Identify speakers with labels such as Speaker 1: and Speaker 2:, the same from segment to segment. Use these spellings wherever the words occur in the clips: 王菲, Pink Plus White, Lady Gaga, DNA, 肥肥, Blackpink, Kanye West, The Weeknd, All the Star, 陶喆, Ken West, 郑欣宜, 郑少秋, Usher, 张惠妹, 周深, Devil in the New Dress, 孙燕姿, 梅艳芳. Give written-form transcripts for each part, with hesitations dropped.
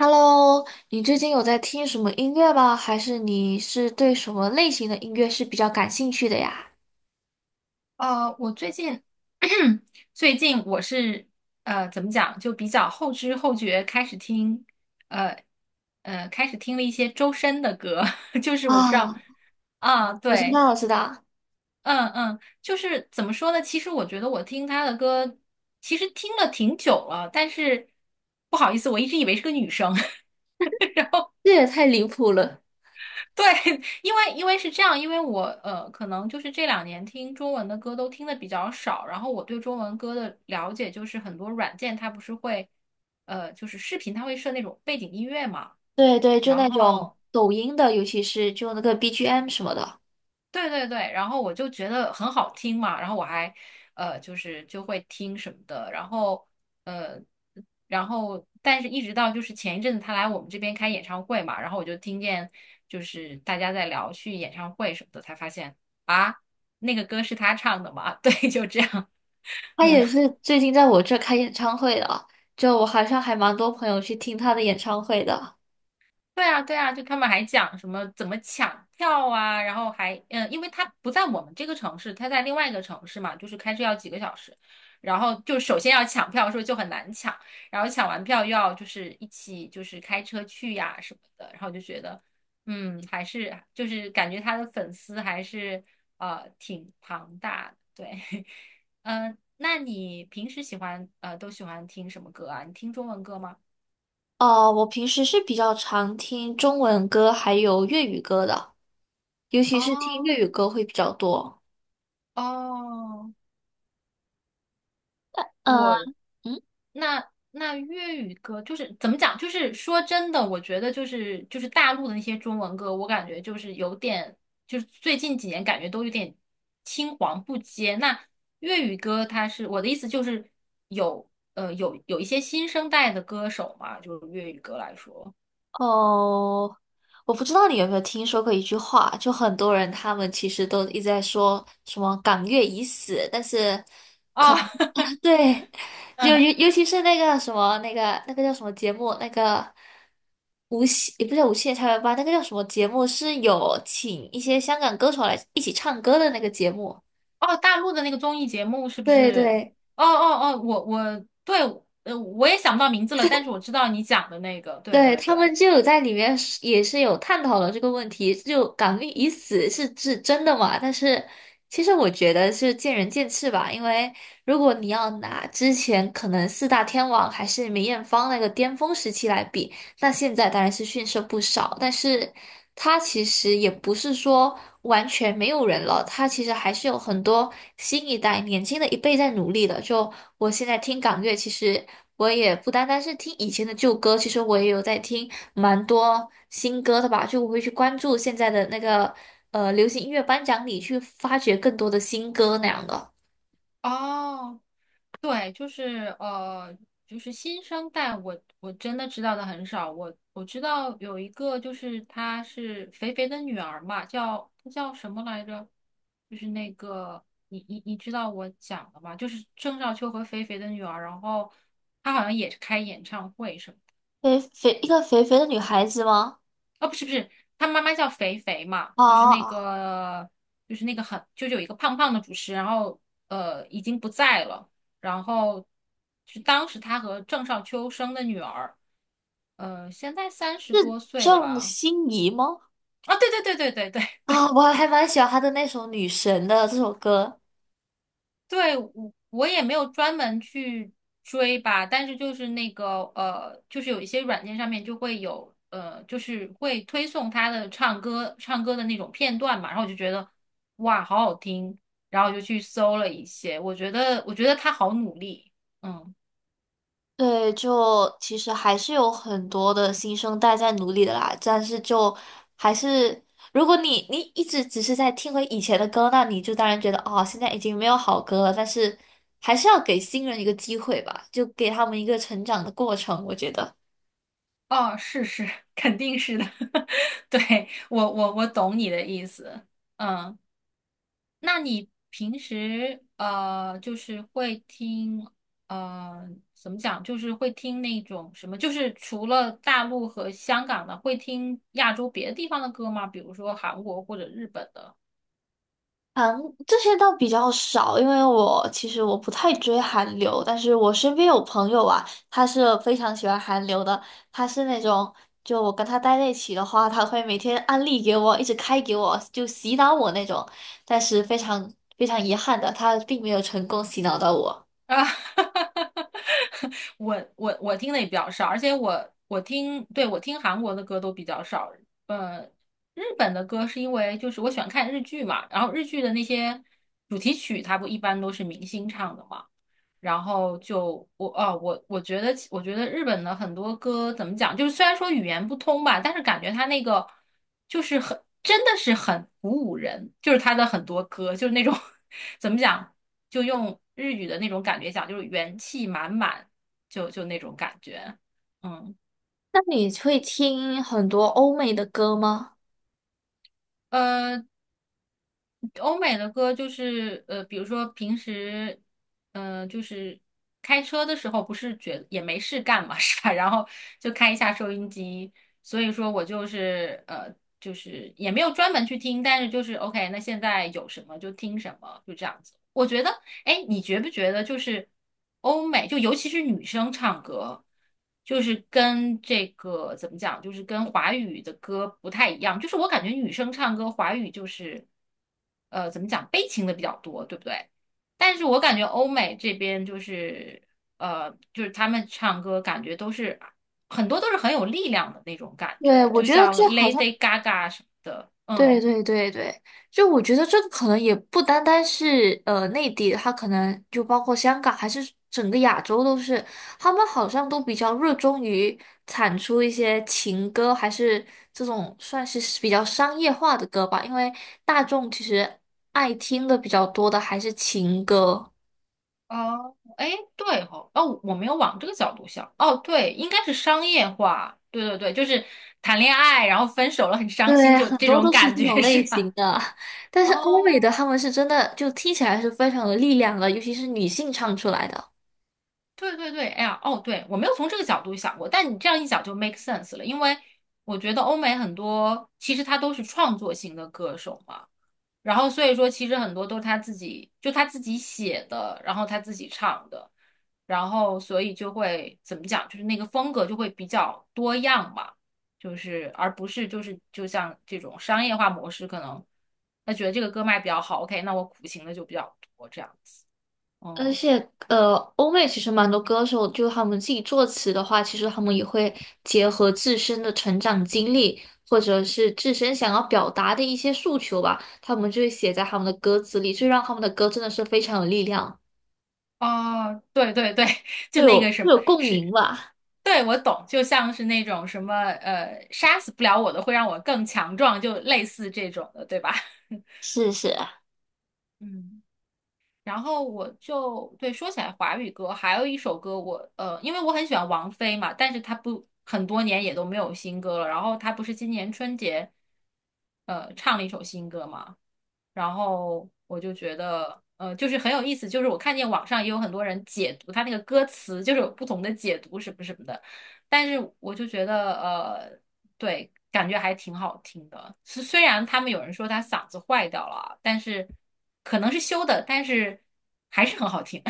Speaker 1: Hello,你最近有在听什么音乐吗？还是你是对什么类型的音乐是比较感兴趣的呀？
Speaker 2: 我最近 最近我是怎么讲，就比较后知后觉开始听呃开始听了一些周深的歌，就是我不知
Speaker 1: 啊，
Speaker 2: 道啊，
Speaker 1: 我知
Speaker 2: 对，
Speaker 1: 道，我知道，
Speaker 2: 嗯嗯，就是怎么说呢？其实我觉得我听他的歌，其实听了挺久了，但是不好意思，我一直以为是个女生，
Speaker 1: 这也太离谱了。
Speaker 2: 对，因为是这样，因为我可能就是这2年听中文的歌都听的比较少，然后我对中文歌的了解就是很多软件它不是会，就是视频它会设那种背景音乐嘛，
Speaker 1: 对，就
Speaker 2: 然
Speaker 1: 那种
Speaker 2: 后
Speaker 1: 抖音的，尤其是就那个 BGM 什么的。
Speaker 2: 对对对，然后我就觉得很好听嘛，然后我还就是就会听什么的，然后呃然后但是一直到就是前一阵子他来我们这边开演唱会嘛，然后我就听见就是大家在聊去演唱会什么的，才发现啊那个歌是他唱的嘛，对，就这样。
Speaker 1: 他也是最近在我这开演唱会的，就我好像还蛮多朋友去听他的演唱会的。
Speaker 2: 对啊，对啊，就他们还讲什么怎么抢票啊，然后还因为他不在我们这个城市，他在另外一个城市嘛，就是开车要几个小时，然后就首先要抢票的时候就很难抢，然后抢完票又要就是一起就是开车去呀什么的，然后就觉得还是就是感觉他的粉丝还是挺庞大的，对，嗯，那你平时都喜欢听什么歌啊？你听中文歌吗？
Speaker 1: 哦，我平时是比较常听中文歌还有粤语歌的，尤其是听
Speaker 2: 哦
Speaker 1: 粤语歌会比较多。
Speaker 2: 哦
Speaker 1: 嗯
Speaker 2: 我
Speaker 1: 嗯。
Speaker 2: 那那粤语歌就是怎么讲？就是说真的，我觉得就是大陆的那些中文歌，我感觉就是有点，就是最近几年感觉都有点青黄不接。那粤语歌，它是我的意思就是有一些新生代的歌手嘛，就是粤语歌来说，
Speaker 1: 哦，我不知道你有没有听说过一句话，就很多人他们其实都一直在说什么"港乐已死"，但是
Speaker 2: 哦，
Speaker 1: 对，就
Speaker 2: 嗯，
Speaker 1: 尤其是那个什么那个叫什么节目，那个无锡也不叫无锡的校园吧，那个叫什么节目是有请一些香港歌手来一起唱歌的那个节目。
Speaker 2: 哦，大陆的那个综艺节目是不
Speaker 1: 对
Speaker 2: 是？
Speaker 1: 对，
Speaker 2: 哦哦哦，我对，我也想不到名字了，但是我知道你讲的那个，对
Speaker 1: 对
Speaker 2: 对
Speaker 1: 他
Speaker 2: 对。
Speaker 1: 们就有在里面是也是有探讨了这个问题，就"港命已死"是真的嘛？但是其实我觉得是见仁见智吧，因为如果你要拿之前可能四大天王还是梅艳芳那个巅峰时期来比，那现在当然是逊色不少，但是它其实也不是说完全没有人了，它其实还是有很多新一代、年轻的一辈在努力的。就我现在听港乐，其实我也不单单是听以前的旧歌，其实我也有在听蛮多新歌的吧。就我会去关注现在的那个流行音乐颁奖礼，去发掘更多的新歌那样的。
Speaker 2: 哦，对，就是就是新生代我，我真的知道的很少。我知道有一个，就是她是肥肥的女儿嘛，叫她叫什么来着？就是那个你知道我讲的吗？就是郑少秋和肥肥的女儿，然后她好像也是开演唱会什么的。
Speaker 1: 肥肥一个肥肥的女孩子吗？
Speaker 2: 啊，不是不是，他妈妈叫肥肥嘛，就是那
Speaker 1: 啊，
Speaker 2: 个，就是那个很，就是有一个胖胖的主持，然后已经不在了，然后是当时他和郑少秋生的女儿，现在30多岁
Speaker 1: 郑
Speaker 2: 吧。
Speaker 1: 欣宜吗？
Speaker 2: 啊，对对对对对对，
Speaker 1: 啊、我还蛮喜欢他的那首《女神》的这首歌。
Speaker 2: 对，我也没有专门去追吧，但是就是那个就是有一些软件上面就会有就是会推送他的唱歌唱歌的那种片段嘛，然后我就觉得哇，好好听，然后我就去搜了一些，我觉得他好努力，嗯，
Speaker 1: 对，就其实还是有很多的新生代在努力的啦，但是就还是，如果你一直只是在听回以前的歌，那你就当然觉得哦，现在已经没有好歌了。但是还是要给新人一个机会吧，就给他们一个成长的过程，我觉得。
Speaker 2: 哦，是是，肯定是的，对，我懂你的意思，嗯。那你平时就是会听呃，怎么讲，就是会听那种什么，就是除了大陆和香港的，会听亚洲别的地方的歌吗？比如说韩国或者日本的
Speaker 1: 韩这些倒比较少，因为我其实不太追韩流，但是我身边有朋友啊，他是非常喜欢韩流的，他是那种就我跟他待在一起的话，他会每天安利给我，一直开给我，就洗脑我那种，但是非常遗憾的，他并没有成功洗脑到我。
Speaker 2: 啊。我听的也比较少，而且我听，对，我听韩国的歌都比较少。呃，日本的歌是因为就是我喜欢看日剧嘛，然后日剧的那些主题曲，它不一般都是明星唱的嘛。然后就我啊，我觉得日本的很多歌怎么讲，就是虽然说语言不通吧，但是感觉他那个就是很真的是很鼓舞人，就是他的很多歌就是那种 怎么讲，就用日语的那种感觉讲，就是元气满满，就就那种感觉，嗯。
Speaker 1: 那你会听很多欧美的歌吗？
Speaker 2: 呃，欧美的歌就是比如说平时，就是开车的时候，不是觉也没事干嘛，是吧？然后就开一下收音机，所以说我就是就是也没有专门去听，但是就是 OK，那现在有什么就听什么，就这样子。我觉得哎，你觉不觉得就是欧美，就尤其是女生唱歌，就是跟这个怎么讲，就是跟华语的歌不太一样。就是我感觉女生唱歌，华语就是怎么讲，悲情的比较多，对不对？但是我感觉欧美这边就是就是他们唱歌感觉都是很多都是很有力量的那种感
Speaker 1: 对，
Speaker 2: 觉，
Speaker 1: 我
Speaker 2: 就
Speaker 1: 觉得
Speaker 2: 像
Speaker 1: 这好像
Speaker 2: Lady Gaga 什么的，
Speaker 1: 对
Speaker 2: 嗯。
Speaker 1: 对对对，就我觉得这个可能也不单单是内地，它可能就包括香港，还是整个亚洲都是，他们好像都比较热衷于产出一些情歌，还是这种算是比较商业化的歌吧，因为大众其实爱听的比较多的还是情歌。
Speaker 2: 哦，哎，对哦，哦，我没有往这个角度想。哦，对，应该是商业化。对对对，就是谈恋爱，然后分手了，很伤心，
Speaker 1: 对，
Speaker 2: 就
Speaker 1: 很
Speaker 2: 这
Speaker 1: 多
Speaker 2: 种
Speaker 1: 都是
Speaker 2: 感
Speaker 1: 这种
Speaker 2: 觉 是
Speaker 1: 类型
Speaker 2: 吧？
Speaker 1: 的，但是欧美的
Speaker 2: 哦，
Speaker 1: 他们是真的就听起来是非常有力量的，尤其是女性唱出来的。
Speaker 2: 对对对，哎呀，哦，对，我没有从这个角度想过，但你这样一讲就 make sense 了，因为我觉得欧美很多其实他都是创作型的歌手嘛。然后所以说，其实很多都是他自己，就他自己写的，然后他自己唱的，然后所以就会怎么讲，就是那个风格就会比较多样嘛，就是而不是就是就像这种商业化模式，可能他觉得这个歌卖比较好，OK，那我苦情的就比较多这样子，
Speaker 1: 而
Speaker 2: 嗯，
Speaker 1: 且，呃，欧美其实蛮多歌手，就他们自己作词的话，其实他们也会结合自身的成长经历，或者是自身想要表达的一些诉求吧，他们就会写在他们的歌词里，就让他们的歌真的是非常有力量，
Speaker 2: 哦，对对对，就
Speaker 1: 会
Speaker 2: 那个
Speaker 1: 有
Speaker 2: 什
Speaker 1: 会
Speaker 2: 么
Speaker 1: 有共
Speaker 2: 是。
Speaker 1: 鸣吧。
Speaker 2: 对，我懂，就像是那种什么，杀死不了我的，会让我更强壮，就类似这种的，对吧？
Speaker 1: 是，
Speaker 2: 嗯，然后我就对说起来华语歌，还有一首歌我因为我很喜欢王菲嘛，但是她不很多年也都没有新歌了。然后她不是今年春节唱了一首新歌嘛，然后我就觉得就是很有意思，就是我看见网上也有很多人解读她那个歌词，就是有不同的解读什么什么的，但是我就觉得对，感觉还挺好听的。虽然他们有人说他嗓子坏掉了，但是可能是修的，但是还是很好听。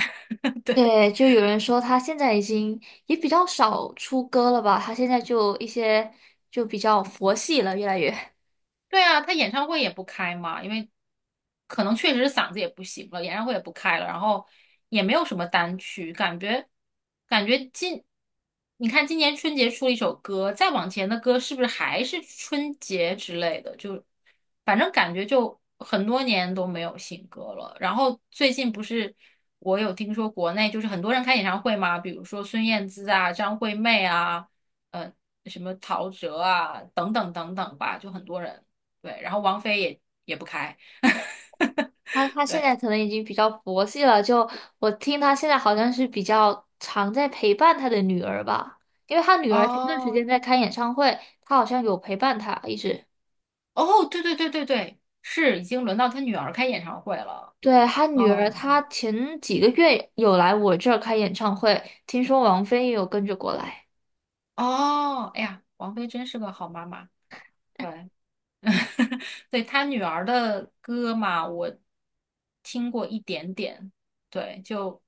Speaker 1: 对，就有人说他现在已经也比较少出歌了吧，他现在就一些就比较佛系了，越来越。
Speaker 2: 对啊，他演唱会也不开嘛，因为可能确实是嗓子也不行了，演唱会也不开了，然后也没有什么单曲，感觉感觉今，你看今年春节出了一首歌，再往前的歌是不是还是春节之类的？就反正感觉就很多年都没有新歌了。然后最近不是我有听说国内就是很多人开演唱会嘛，比如说孙燕姿啊、张惠妹啊，呃。什么陶喆啊，等等等等吧，就很多人。对，然后王菲也不开，
Speaker 1: 他 现
Speaker 2: 对，
Speaker 1: 在可能已经比较佛系了，就我听他现在好像是比较常在陪伴他的女儿吧，因为他女儿前段时间
Speaker 2: 哦
Speaker 1: 在开演唱会，他好像有陪伴他一直。
Speaker 2: 哦，对对对对对，是已经轮到她女儿开演唱会了，
Speaker 1: 对，他女儿，
Speaker 2: 哦
Speaker 1: 她前几个月有来我这儿开演唱会，听说王菲也有跟着过来。
Speaker 2: 哦，哎呀，王菲真是个好妈妈，对，对她女儿的歌嘛，我听过一点点，对，就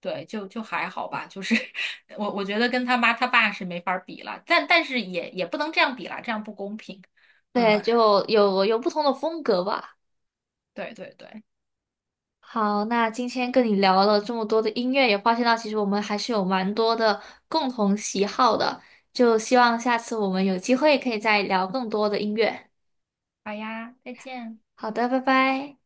Speaker 2: 对，就还好吧，就是 我觉得跟他妈他爸是没法儿比了，但是也不能这样比啦，这样不公平，嗯，
Speaker 1: 对，就有不同的风格吧。
Speaker 2: 对对对，
Speaker 1: 好，那今天跟你聊了这么多的音乐，也发现到其实我们还是有蛮多的共同喜好的，就希望下次我们有机会可以再聊更多的音乐。
Speaker 2: 好呀，再见。
Speaker 1: 好的，拜拜。